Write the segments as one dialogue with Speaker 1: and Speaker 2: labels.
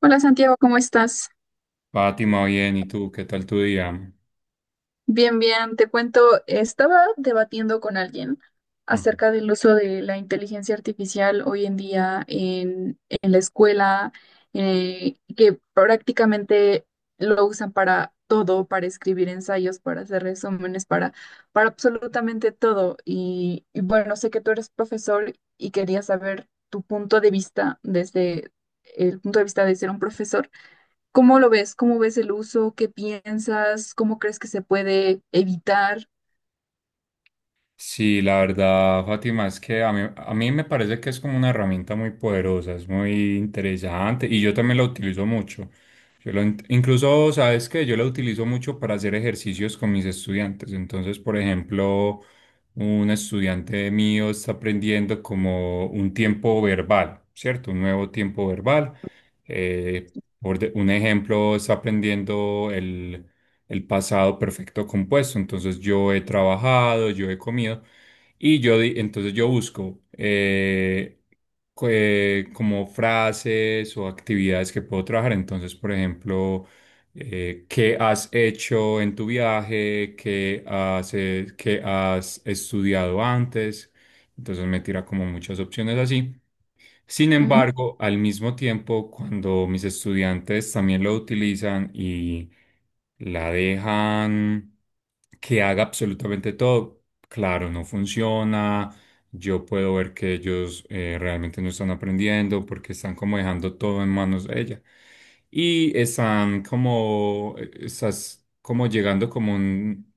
Speaker 1: Hola Santiago, ¿cómo estás?
Speaker 2: Fátima, bien, ¿y tú? ¿Qué tal tu día?
Speaker 1: Bien, bien, te cuento, estaba debatiendo con alguien
Speaker 2: Mm.
Speaker 1: acerca del uso de la inteligencia artificial hoy en día en la escuela, que prácticamente lo usan para todo, para escribir ensayos, para hacer resúmenes, para absolutamente todo. Y bueno, sé que tú eres profesor y quería saber tu punto de vista desde el punto de vista de ser un profesor. ¿Cómo lo ves? ¿Cómo ves el uso? ¿Qué piensas? ¿Cómo crees que se puede evitar?
Speaker 2: Sí, la verdad, Fátima, es que a mí me parece que es como una herramienta muy poderosa, es muy interesante y yo también la utilizo mucho. Incluso, ¿sabes qué? Yo la utilizo mucho para hacer ejercicios con mis estudiantes. Entonces, por ejemplo, un estudiante mío está aprendiendo como un tiempo verbal, ¿cierto? Un nuevo tiempo verbal. Eh, un ejemplo, está aprendiendo el pasado perfecto compuesto. Entonces yo he trabajado, yo he comido y entonces yo busco como frases o actividades que puedo trabajar. Entonces, por ejemplo, ¿qué has hecho en tu viaje? ¿Qué qué has estudiado antes? Entonces me tira como muchas opciones así. Sin
Speaker 1: Ujú.
Speaker 2: embargo, al mismo tiempo, cuando mis estudiantes también lo utilizan y la dejan que haga absolutamente todo, claro, no funciona. Yo puedo ver que ellos realmente no están aprendiendo porque están como dejando todo en manos de ella. Y están como, estás como llegando como un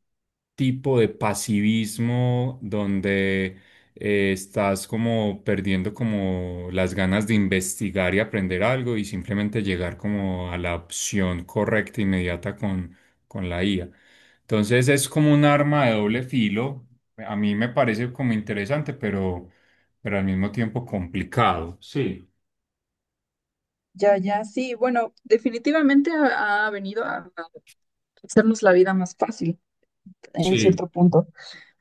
Speaker 2: tipo de pasivismo donde estás como perdiendo como las ganas de investigar y aprender algo y simplemente llegar como a la opción correcta inmediata con la IA. Entonces es como un arma de doble filo. A mí me parece como interesante, pero al mismo tiempo complicado. Sí
Speaker 1: Ya, ya, sí, bueno, definitivamente ha venido a hacernos la vida más fácil en cierto
Speaker 2: Sí.
Speaker 1: punto.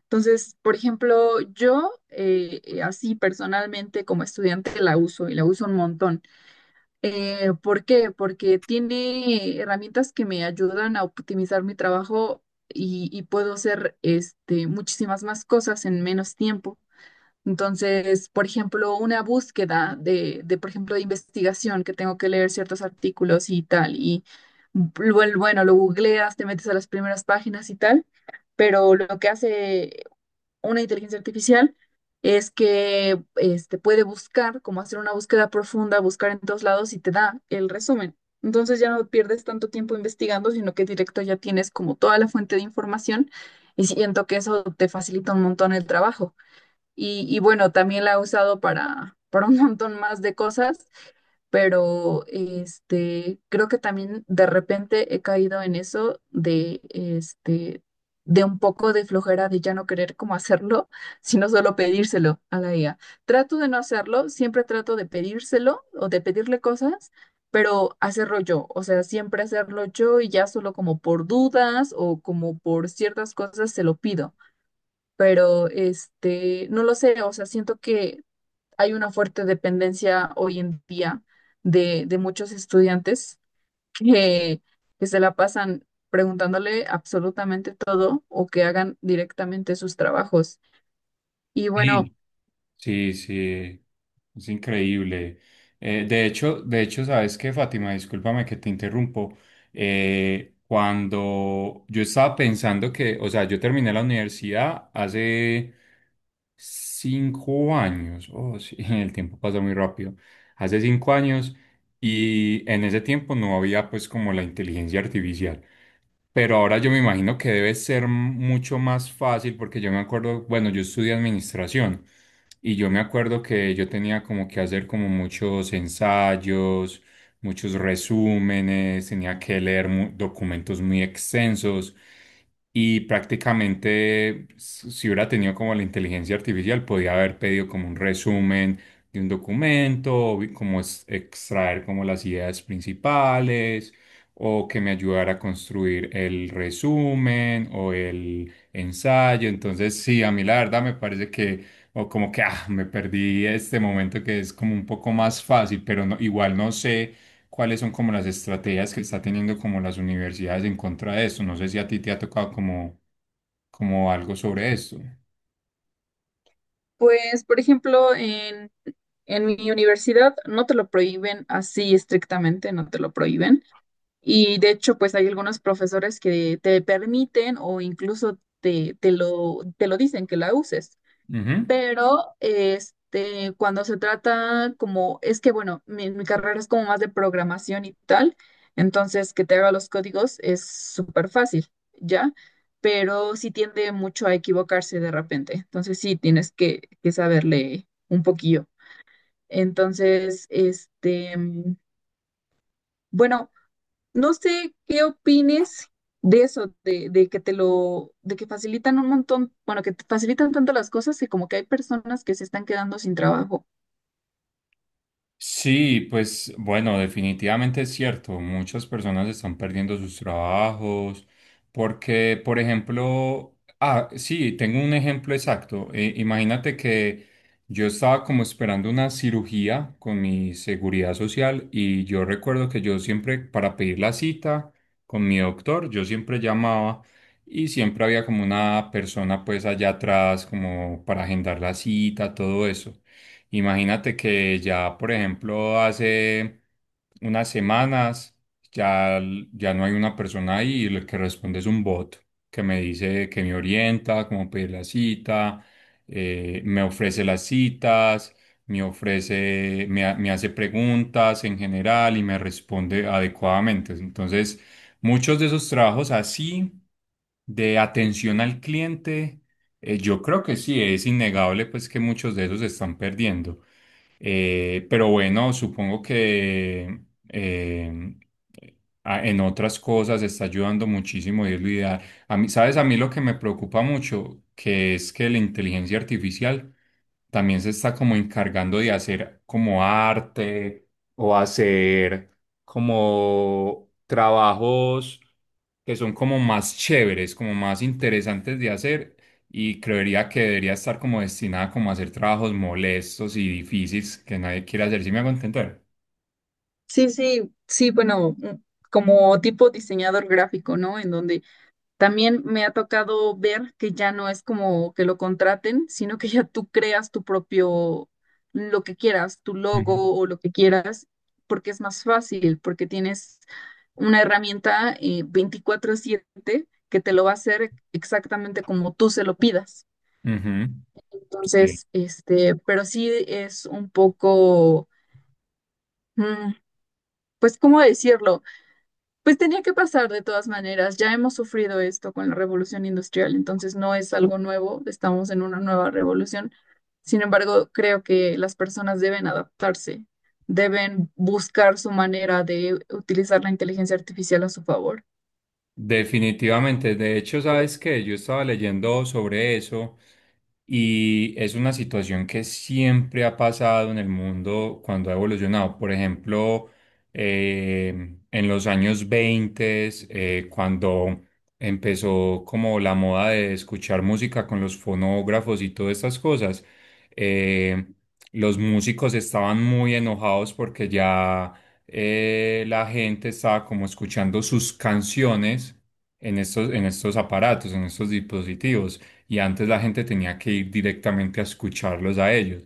Speaker 1: Entonces, por ejemplo, yo así personalmente como estudiante la uso y la uso un montón. ¿Por qué? Porque tiene herramientas que me ayudan a optimizar mi trabajo y puedo hacer este, muchísimas más cosas en menos tiempo. Entonces, por ejemplo, una búsqueda por ejemplo, de investigación, que tengo que leer ciertos artículos y tal, y bueno, lo googleas, te metes a las primeras páginas y tal, pero lo que hace una inteligencia artificial es que este, puede buscar, como hacer una búsqueda profunda, buscar en todos lados y te da el resumen. Entonces ya no pierdes tanto tiempo investigando, sino que directo ya tienes como toda la fuente de información y siento que eso te facilita un montón el trabajo. Y bueno, también la he usado para un montón más de cosas, pero este, creo que también de repente he caído en eso de, este, de un poco de flojera de ya no querer como hacerlo, sino solo pedírselo a la IA. Trato de no hacerlo, siempre trato de pedírselo o de pedirle cosas, pero hacerlo yo, o sea, siempre hacerlo yo y ya solo como por dudas o como por ciertas cosas se lo pido, pero este, no lo sé, o sea, siento que hay una fuerte dependencia hoy en día de muchos estudiantes que, que se la pasan preguntándole absolutamente todo o que hagan directamente sus trabajos. Y bueno,
Speaker 2: Sí. Sí, sí, es increíble. De hecho, ¿sabes qué, Fátima? Discúlpame que te interrumpo. Cuando yo estaba pensando que, o sea, yo terminé la universidad hace 5 años. Oh, sí, el tiempo pasa muy rápido. Hace cinco años y en ese tiempo no había pues como la inteligencia artificial. Pero ahora yo me imagino que debe ser mucho más fácil porque yo me acuerdo, bueno, yo estudié administración y yo me acuerdo que yo tenía como que hacer como muchos ensayos, muchos resúmenes, tenía que leer documentos muy extensos y prácticamente si hubiera tenido como la inteligencia artificial podía haber pedido como un resumen de un documento, como extraer como las ideas principales o que me ayudara a construir el resumen o el ensayo. Entonces, sí, a mí la verdad me parece que, o como que, ah, me perdí este momento que es como un poco más fácil, pero no, igual no sé cuáles son como las estrategias que está teniendo como las universidades en contra de esto. No sé si a ti te ha tocado como, como algo sobre esto.
Speaker 1: pues, por ejemplo, en mi universidad no te lo prohíben así estrictamente, no te lo prohíben. Y de hecho, pues hay algunos profesores que te permiten o incluso te lo dicen que la uses.
Speaker 2: Ujú.
Speaker 1: Pero este, cuando se trata como, es que bueno, mi carrera es como más de programación y tal, entonces que te haga los códigos es súper fácil, ¿ya? Pero sí tiende mucho a equivocarse de repente, entonces sí tienes que saberle un poquillo. Entonces, este, bueno, no sé qué opines de eso, de que te lo, de que facilitan un montón, bueno, que te facilitan tanto las cosas que como que hay personas que se están quedando sin trabajo.
Speaker 2: Sí, pues bueno, definitivamente es cierto. Muchas personas están perdiendo sus trabajos porque, por ejemplo, ah, sí, tengo un ejemplo exacto. Imagínate que yo estaba como esperando una cirugía con mi seguridad social y yo recuerdo que yo siempre, para pedir la cita con mi doctor, yo siempre llamaba y siempre había como una persona pues allá atrás como para agendar la cita, todo eso. Imagínate que ya, por ejemplo, hace unas semanas ya, ya no hay una persona ahí y el que responde es un bot que me dice que me orienta, cómo pedir la cita, me ofrece las citas, me ofrece, me hace preguntas en general y me responde adecuadamente. Entonces, muchos de esos trabajos así de atención al cliente yo creo que sí, es innegable pues que muchos de esos se están perdiendo. Pero bueno, supongo que eh, en otras cosas está ayudando muchísimo irlo ideal. A mí, ¿sabes? A mí lo que me preocupa mucho, que es que la inteligencia artificial también se está como encargando de hacer como arte o hacer como trabajos que son como más chéveres, como más interesantes de hacer y creería que debería estar como destinada como a hacer trabajos molestos y difíciles que nadie quiere hacer. ¿Sí me hago entender?
Speaker 1: Sí, sí, sí, bueno, mm, como tipo diseñador gráfico, ¿no? En donde también me ha tocado ver que ya no es como que lo contraten, sino que ya tú creas tu propio, lo que quieras, tu
Speaker 2: Ujú.
Speaker 1: logo o lo que quieras, porque es más fácil, porque tienes una herramienta 24/7 que te lo va a hacer exactamente como tú se lo pidas.
Speaker 2: Ujú, sí.
Speaker 1: Entonces, este, pero sí es un poco, mm, pues, ¿cómo decirlo? Pues tenía que pasar de todas maneras. Ya hemos sufrido esto con la revolución industrial, entonces no es algo nuevo, estamos en una nueva revolución. Sin embargo, creo que las personas deben adaptarse, deben buscar su manera de utilizar la inteligencia artificial a su favor.
Speaker 2: Definitivamente. De hecho, ¿sabes qué? Yo estaba leyendo sobre eso. Y es una situación que siempre ha pasado en el mundo cuando ha evolucionado. Por ejemplo, en los años 20 cuando empezó como la moda de escuchar música con los fonógrafos y todas estas cosas, eh, los músicos estaban muy enojados porque ya la gente estaba como escuchando sus canciones en estos aparatos, en estos dispositivos y antes la gente tenía que ir directamente a escucharlos a ellos.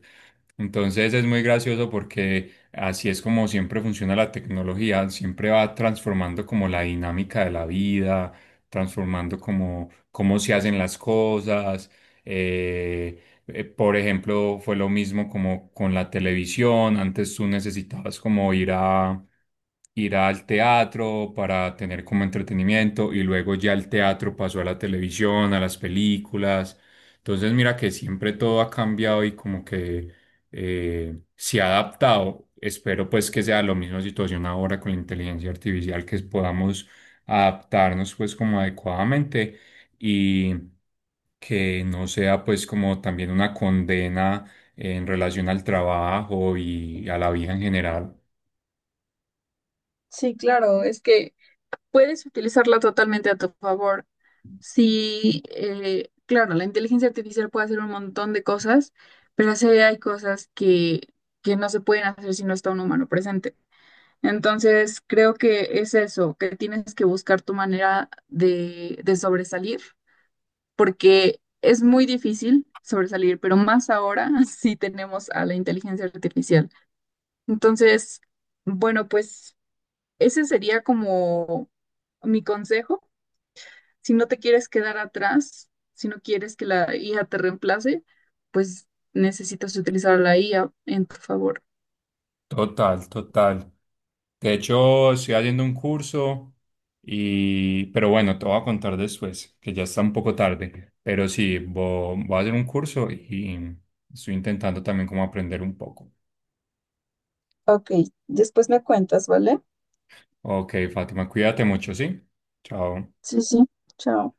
Speaker 2: Entonces es muy gracioso porque así es como siempre funciona la tecnología, siempre va transformando como la dinámica de la vida, transformando como cómo se hacen las cosas. eh, por ejemplo, fue lo mismo como con la televisión. Antes tú necesitabas como ir al teatro para tener como entretenimiento y luego ya el teatro pasó a la televisión, a las películas. Entonces mira que siempre todo ha cambiado y como que se ha adaptado. Espero pues que sea la misma situación ahora con la inteligencia artificial, que podamos adaptarnos pues como adecuadamente. Y que no sea pues como también una condena en relación al trabajo y a la vida en general.
Speaker 1: Sí, claro, es que puedes utilizarla totalmente a tu favor. Sí, claro, la inteligencia artificial puede hacer un montón de cosas, pero sí hay cosas que no se pueden hacer si no está un humano presente. Entonces, creo que es eso, que tienes que buscar tu manera de sobresalir, porque es muy difícil sobresalir, pero más ahora sí tenemos a la inteligencia artificial. Entonces, bueno, pues ese sería como mi consejo si no te quieres quedar atrás, si no quieres que la IA te reemplace, pues necesitas utilizar la IA en tu favor.
Speaker 2: Total, total. De hecho, estoy haciendo un curso y, pero bueno, te voy a contar después, que ya está un poco tarde. Pero sí, voy a hacer un curso y estoy intentando también como aprender un poco.
Speaker 1: Ok, después me cuentas, ¿vale?
Speaker 2: Ok, Fátima, cuídate mucho, ¿sí? Chao.
Speaker 1: Sí, sí, chao.